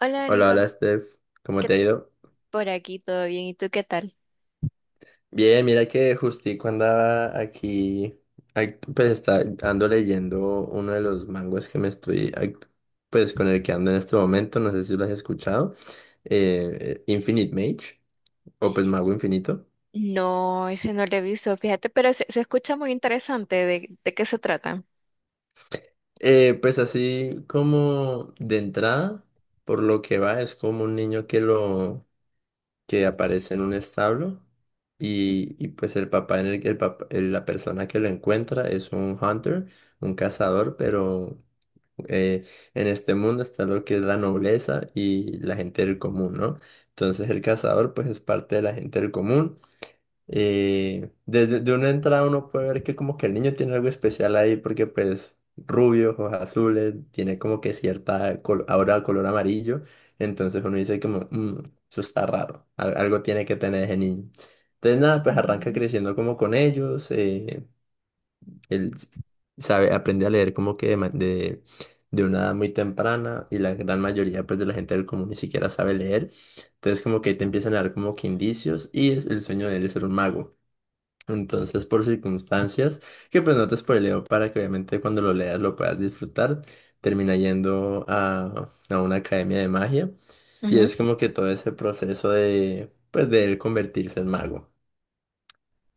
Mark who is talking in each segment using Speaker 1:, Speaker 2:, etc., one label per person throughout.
Speaker 1: Hola,
Speaker 2: Hola,
Speaker 1: Nico,
Speaker 2: hola Steph, ¿cómo
Speaker 1: ¿qué
Speaker 2: te ha ido?
Speaker 1: por aquí? ¿Todo bien? ¿Y tú qué tal?
Speaker 2: Bien, mira que justico andaba aquí, pues está, ando leyendo uno de los manguas que me estoy, pues con el que ando en este momento, no sé si lo has escuchado, Infinite Mage, o pues Mago Infinito.
Speaker 1: No, ese no lo he visto, fíjate, pero se escucha muy interesante. ¿De qué se trata?
Speaker 2: Pues así como de entrada, por lo que va, es como un niño que lo que aparece en un establo y pues el papá en el papá- el- la persona que lo encuentra es un hunter, un cazador, pero eh, en este mundo está lo que es la nobleza y la gente del común, ¿no? Entonces el cazador pues es parte de la gente del común y desde de una entrada uno puede ver que como que el niño tiene algo especial ahí porque pues rubio, ojos azules, tiene como que cierta aura de color amarillo. Entonces uno dice como, "Mm, eso está raro, algo tiene que tener ese niño. Entonces nada, pues arranca
Speaker 1: Ujú.
Speaker 2: creciendo como con ellos. Él s- Sabe, aprende a leer como que de una edad muy temprana y la gran mayoría pues de la gente del común ni siquiera sabe leer. Entonces como que ahí te empiezan a dar como que indicios y es, el sueño de él es ser un mago. Entonces, por circunstancias, que pues no te spoileo para que obviamente cuando lo leas lo puedas disfrutar, termina yendo a una academia de magia y
Speaker 1: Ujú.
Speaker 2: es como que todo ese proceso de, pues, de él convertirse en mago.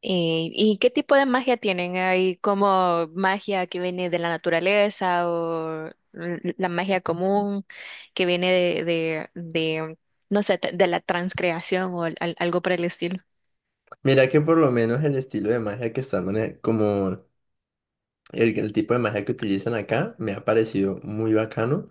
Speaker 1: ¿Y qué tipo de magia tienen? ¿Hay como magia que viene de la naturaleza o la magia común que viene de, no sé, de la transcreación o algo por el estilo?
Speaker 2: Mira que por lo menos el estilo de magia que están, como el tipo de magia que utilizan acá, me ha parecido muy bacano.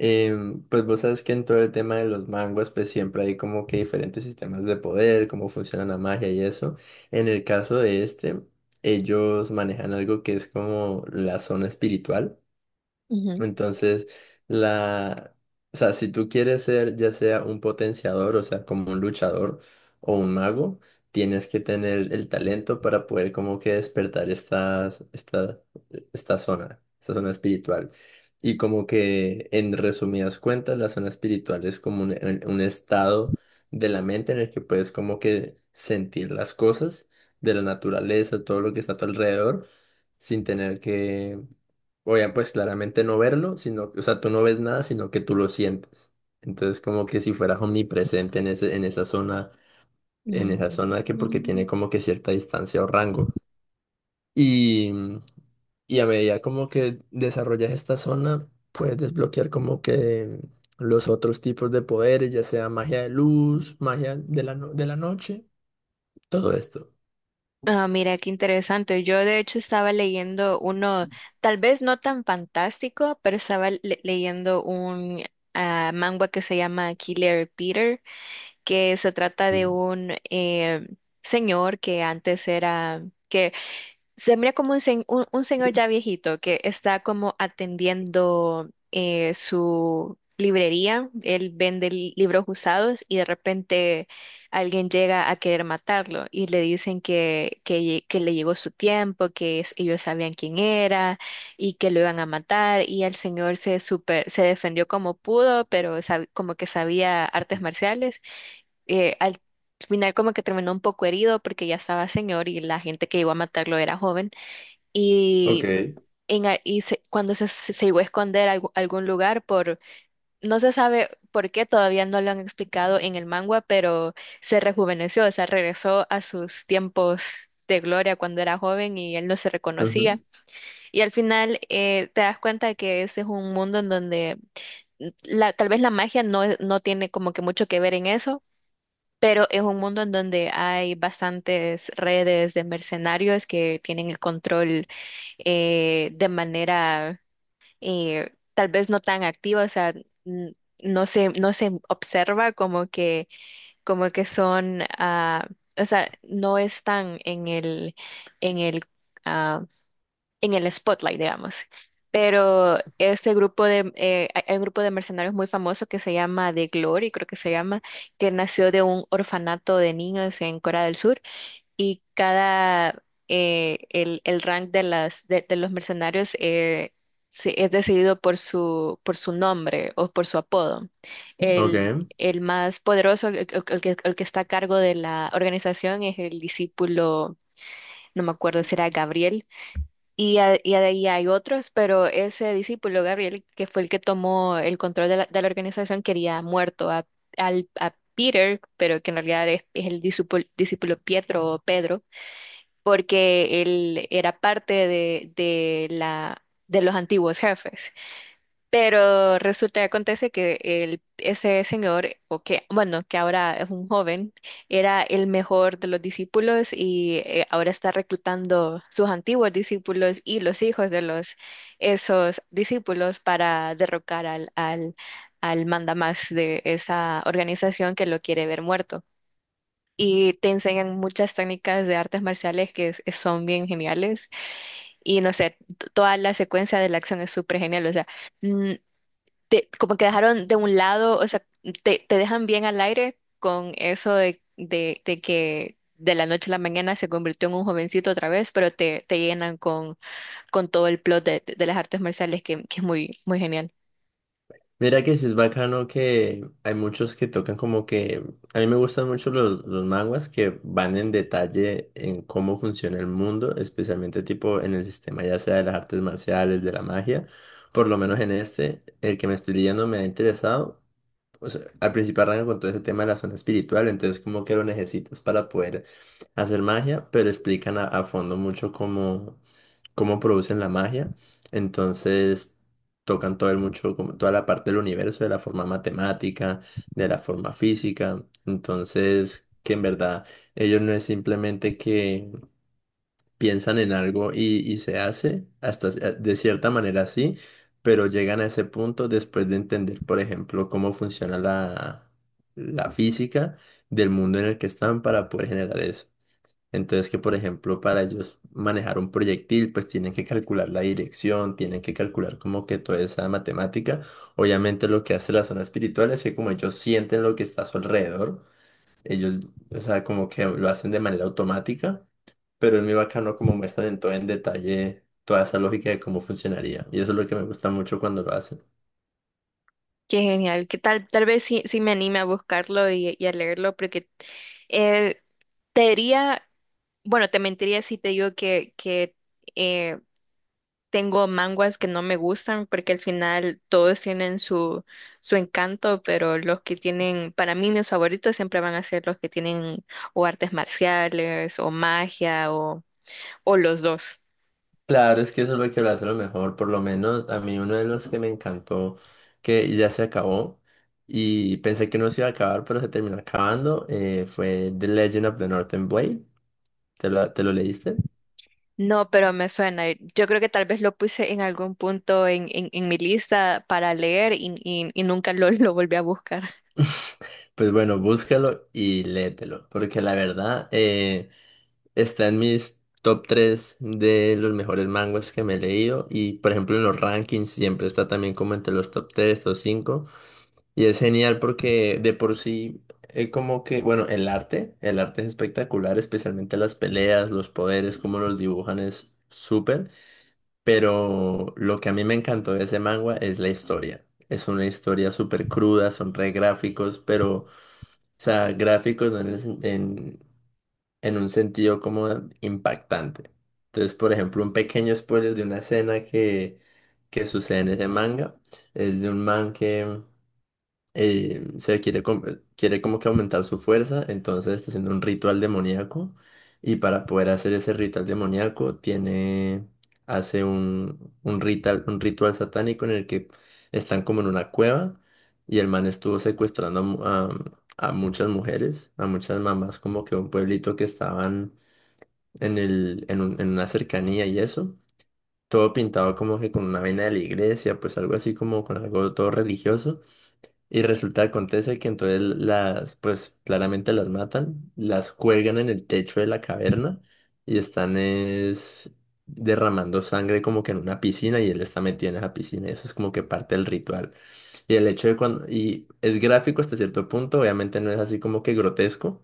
Speaker 2: Pues vos sabes que en todo el tema de los manguas, pues siempre hay como que diferentes sistemas de poder, cómo funciona la magia y eso. En el caso de este, ellos manejan algo que es como la zona espiritual.
Speaker 1: Ujú.
Speaker 2: Entonces, la, o sea, si tú quieres ser ya sea un potenciador, o sea, como un luchador o un mago, tienes que tener el talento para poder como que despertar estas, esta, esta zona espiritual. Y como que en resumidas cuentas, la zona espiritual es como un estado de la mente en el que puedes como que sentir las cosas de la naturaleza, todo lo que está a tu alrededor, sin tener que. Obviamente, pues claramente no verlo, sino, o sea, tú no ves nada, sino que tú lo sientes. Entonces, como que si fueras omnipresente en ese, en esa zona que porque
Speaker 1: Mm.
Speaker 2: tiene como que cierta distancia o rango. Y, y a medida como que desarrollas esta zona, puedes desbloquear como que los otros tipos de poderes, ya sea magia de luz, magia de la, de la noche, todo esto.
Speaker 1: Ah, mira, qué interesante. Yo de hecho estaba leyendo uno, tal vez no tan fantástico, pero estaba leyendo un manga que se llama Killer Peter, que se trata de
Speaker 2: Mm.
Speaker 1: un señor que antes era... Se mira como un señor ya viejito que está como atendiendo su librería. Él vende libros usados y de repente alguien llega a querer matarlo y le dicen que le llegó su tiempo, que ellos sabían quién era y que lo iban a matar. Y el señor super, se defendió como pudo, pero como que sabía artes marciales. Al final como que terminó un poco herido porque ya estaba señor y la gente que llegó a matarlo era joven
Speaker 2: Ok.
Speaker 1: y, y cuando se llegó a esconder algún lugar por, no se sabe por qué, todavía no lo han explicado en el manga, pero se rejuveneció, o sea, regresó a sus tiempos de gloria cuando era joven y él no se
Speaker 2: Ujú,
Speaker 1: reconocía. Y al final te das cuenta que ese es un mundo en donde tal vez la magia no, no tiene como que mucho que ver en eso, pero es un mundo en donde hay bastantes redes de mercenarios que tienen el control de manera tal vez no tan activa, o sea, n- no se observa como que, son, o sea, no están en el ah, en el spotlight, digamos. Pero este grupo de, hay un grupo de mercenarios muy famoso que se llama The Glory, creo que se llama, que nació de un orfanato de niños en Corea del Sur y cada, el rank de de los mercenarios es decidido por por su nombre o por su apodo. El,
Speaker 2: Ok.
Speaker 1: el más poderoso, el que está a cargo de la organización es el discípulo, no me acuerdo si era Gabriel, y ahí hay otros, pero ese discípulo, Gabriel, que fue el que tomó el control de la organización, quería muerto a Peter, pero que en realidad es el discípulo, discípulo Pietro o Pedro, porque él era parte de los antiguos jefes. Pero resulta y acontece que ese señor, o que, bueno, que ahora es un joven, era el mejor de los discípulos y ahora está reclutando sus antiguos discípulos y los hijos de esos discípulos para derrocar al mandamás de esa organización que lo quiere ver muerto. Y te enseñan muchas técnicas de artes marciales que son bien geniales. Y no sé, toda la secuencia de la acción es súper genial. O sea, mm, como que dejaron de un lado, o sea, te dejan bien al aire con eso de que de la noche a la mañana se convirtió en un jovencito otra vez, pero te llenan con todo el plot de las artes marciales que es muy, muy genial.
Speaker 2: Mira que sí es bacano que hay muchos que tocan como que... A mí me gustan mucho los manguas que van en detalle en cómo funciona el mundo, especialmente tipo en el sistema ya sea de las artes marciales, de la magia. Por lo menos en este, el que me estoy leyendo me ha interesado, o sea, al principio arranca con todo ese tema de la zona espiritual, entonces como que lo necesitas para poder hacer magia, pero explican a fondo mucho cómo, cómo producen la magia, entonces tocan todo el mucho, como toda la parte del universo, de la forma matemática, de la forma física, entonces que en verdad ellos no es simplemente que piensan en algo y se hace hasta de cierta manera así, pero llegan a ese punto después de entender, por ejemplo, cómo funciona la, la física del mundo en el que están para poder generar eso. Entonces que, por ejemplo, para ellos manejar un proyectil, pues tienen que calcular la dirección, tienen que calcular como que toda esa matemática. Obviamente lo que hace la zona espiritual es que como ellos sienten lo que está a su alrededor, ellos, o sea, como que lo hacen de manera automática, pero es muy bacano como muestran en todo en detalle toda esa lógica de cómo funcionaría. Y eso es lo que me gusta mucho cuando lo hacen.
Speaker 1: Qué genial, que tal vez sí, sí me anime a buscarlo y a leerlo, porque eh, te diría, bueno, te mentiría si te digo que eh, tengo manguas que no me gustan porque al final todos tienen su encanto, pero los que tienen, para mí mis favoritos siempre van a ser los que tienen o artes marciales o magia o los dos.
Speaker 2: Claro, es que eso es lo que lo hace lo mejor. Por lo menos a mí uno de los que me encantó, que ya se acabó y pensé que no se iba a acabar, pero se terminó acabando, fue The Legend of the Northern Blade. Te lo leíste?
Speaker 1: No, pero me suena. Yo creo que tal vez lo puse en algún punto en mi lista para leer y nunca lo, lo volví a buscar.
Speaker 2: Pues bueno, búscalo y léetelo, porque la verdad... Está en mis top 3 de los mejores manguas que me he leído y por ejemplo en los rankings siempre está también como entre los top 3, top 5 y es genial porque de por sí como que bueno el arte es espectacular, especialmente las peleas, los poderes, cómo los dibujan es súper, pero lo que a mí me encantó de ese manga es la historia. Es una historia súper cruda, son re gráficos pero... O sea, gráficos no en, en un sentido como impactante. Entonces, por ejemplo, un pequeño spoiler de una escena que sucede en ese manga es de un man que se quiere, quiere como que aumentar su fuerza, entonces está haciendo un ritual demoníaco y para poder hacer ese ritual demoníaco tiene, hace un ritual satánico en el que están como en una cueva y el man estuvo secuestrando a, a muchas mujeres, a muchas mamás como que de un pueblito que estaban en el, en una cercanía y eso. Todo pintado como que con una vaina de la iglesia, pues algo así como con algo todo religioso. Y resulta, acontece que entonces las, pues claramente las matan, las cuelgan en el techo de la caverna y están es derramando sangre como que en una piscina y él está metido en esa piscina. Eso es como que parte del ritual. Y el hecho de cuando, y es gráfico hasta cierto punto, obviamente no es así como que grotesco,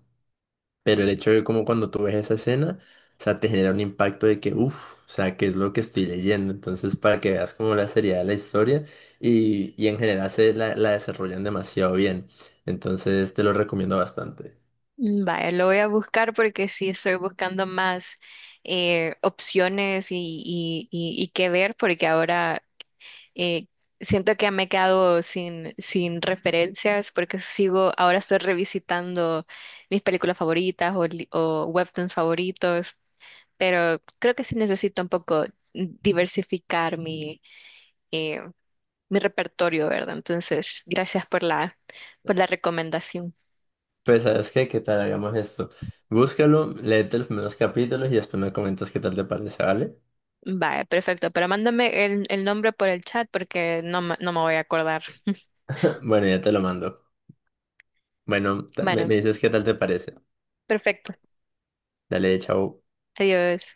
Speaker 2: pero el hecho de como cuando tú ves esa escena, o sea, te genera un impacto de que, uff, o sea, ¿qué es lo que estoy leyendo? Entonces, para que veas como la seriedad de la historia y en general se la, la desarrollan demasiado bien. Entonces, te lo recomiendo bastante.
Speaker 1: Vaya, lo voy a buscar porque sí estoy buscando más opciones y qué ver, porque ahora Eh, siento que me he quedado sin referencias porque sigo, ahora estoy revisitando mis películas favoritas o, o webtoons favoritos, pero creo que sí necesito un poco diversificar eh, mi repertorio, ¿verdad? Entonces, gracias por la recomendación.
Speaker 2: Pues, ¿sabes qué? ¿Qué tal hagamos esto? Búscalo, léete los primeros capítulos y después me comentas qué tal te parece, ¿vale?
Speaker 1: Vale, perfecto, pero mándame el nombre por el chat porque no, no me voy a acordar.
Speaker 2: Bueno, ya te lo mando. Bueno, me,
Speaker 1: Bueno,
Speaker 2: me dices qué tal te parece.
Speaker 1: perfecto.
Speaker 2: Dale, chao.
Speaker 1: Adiós.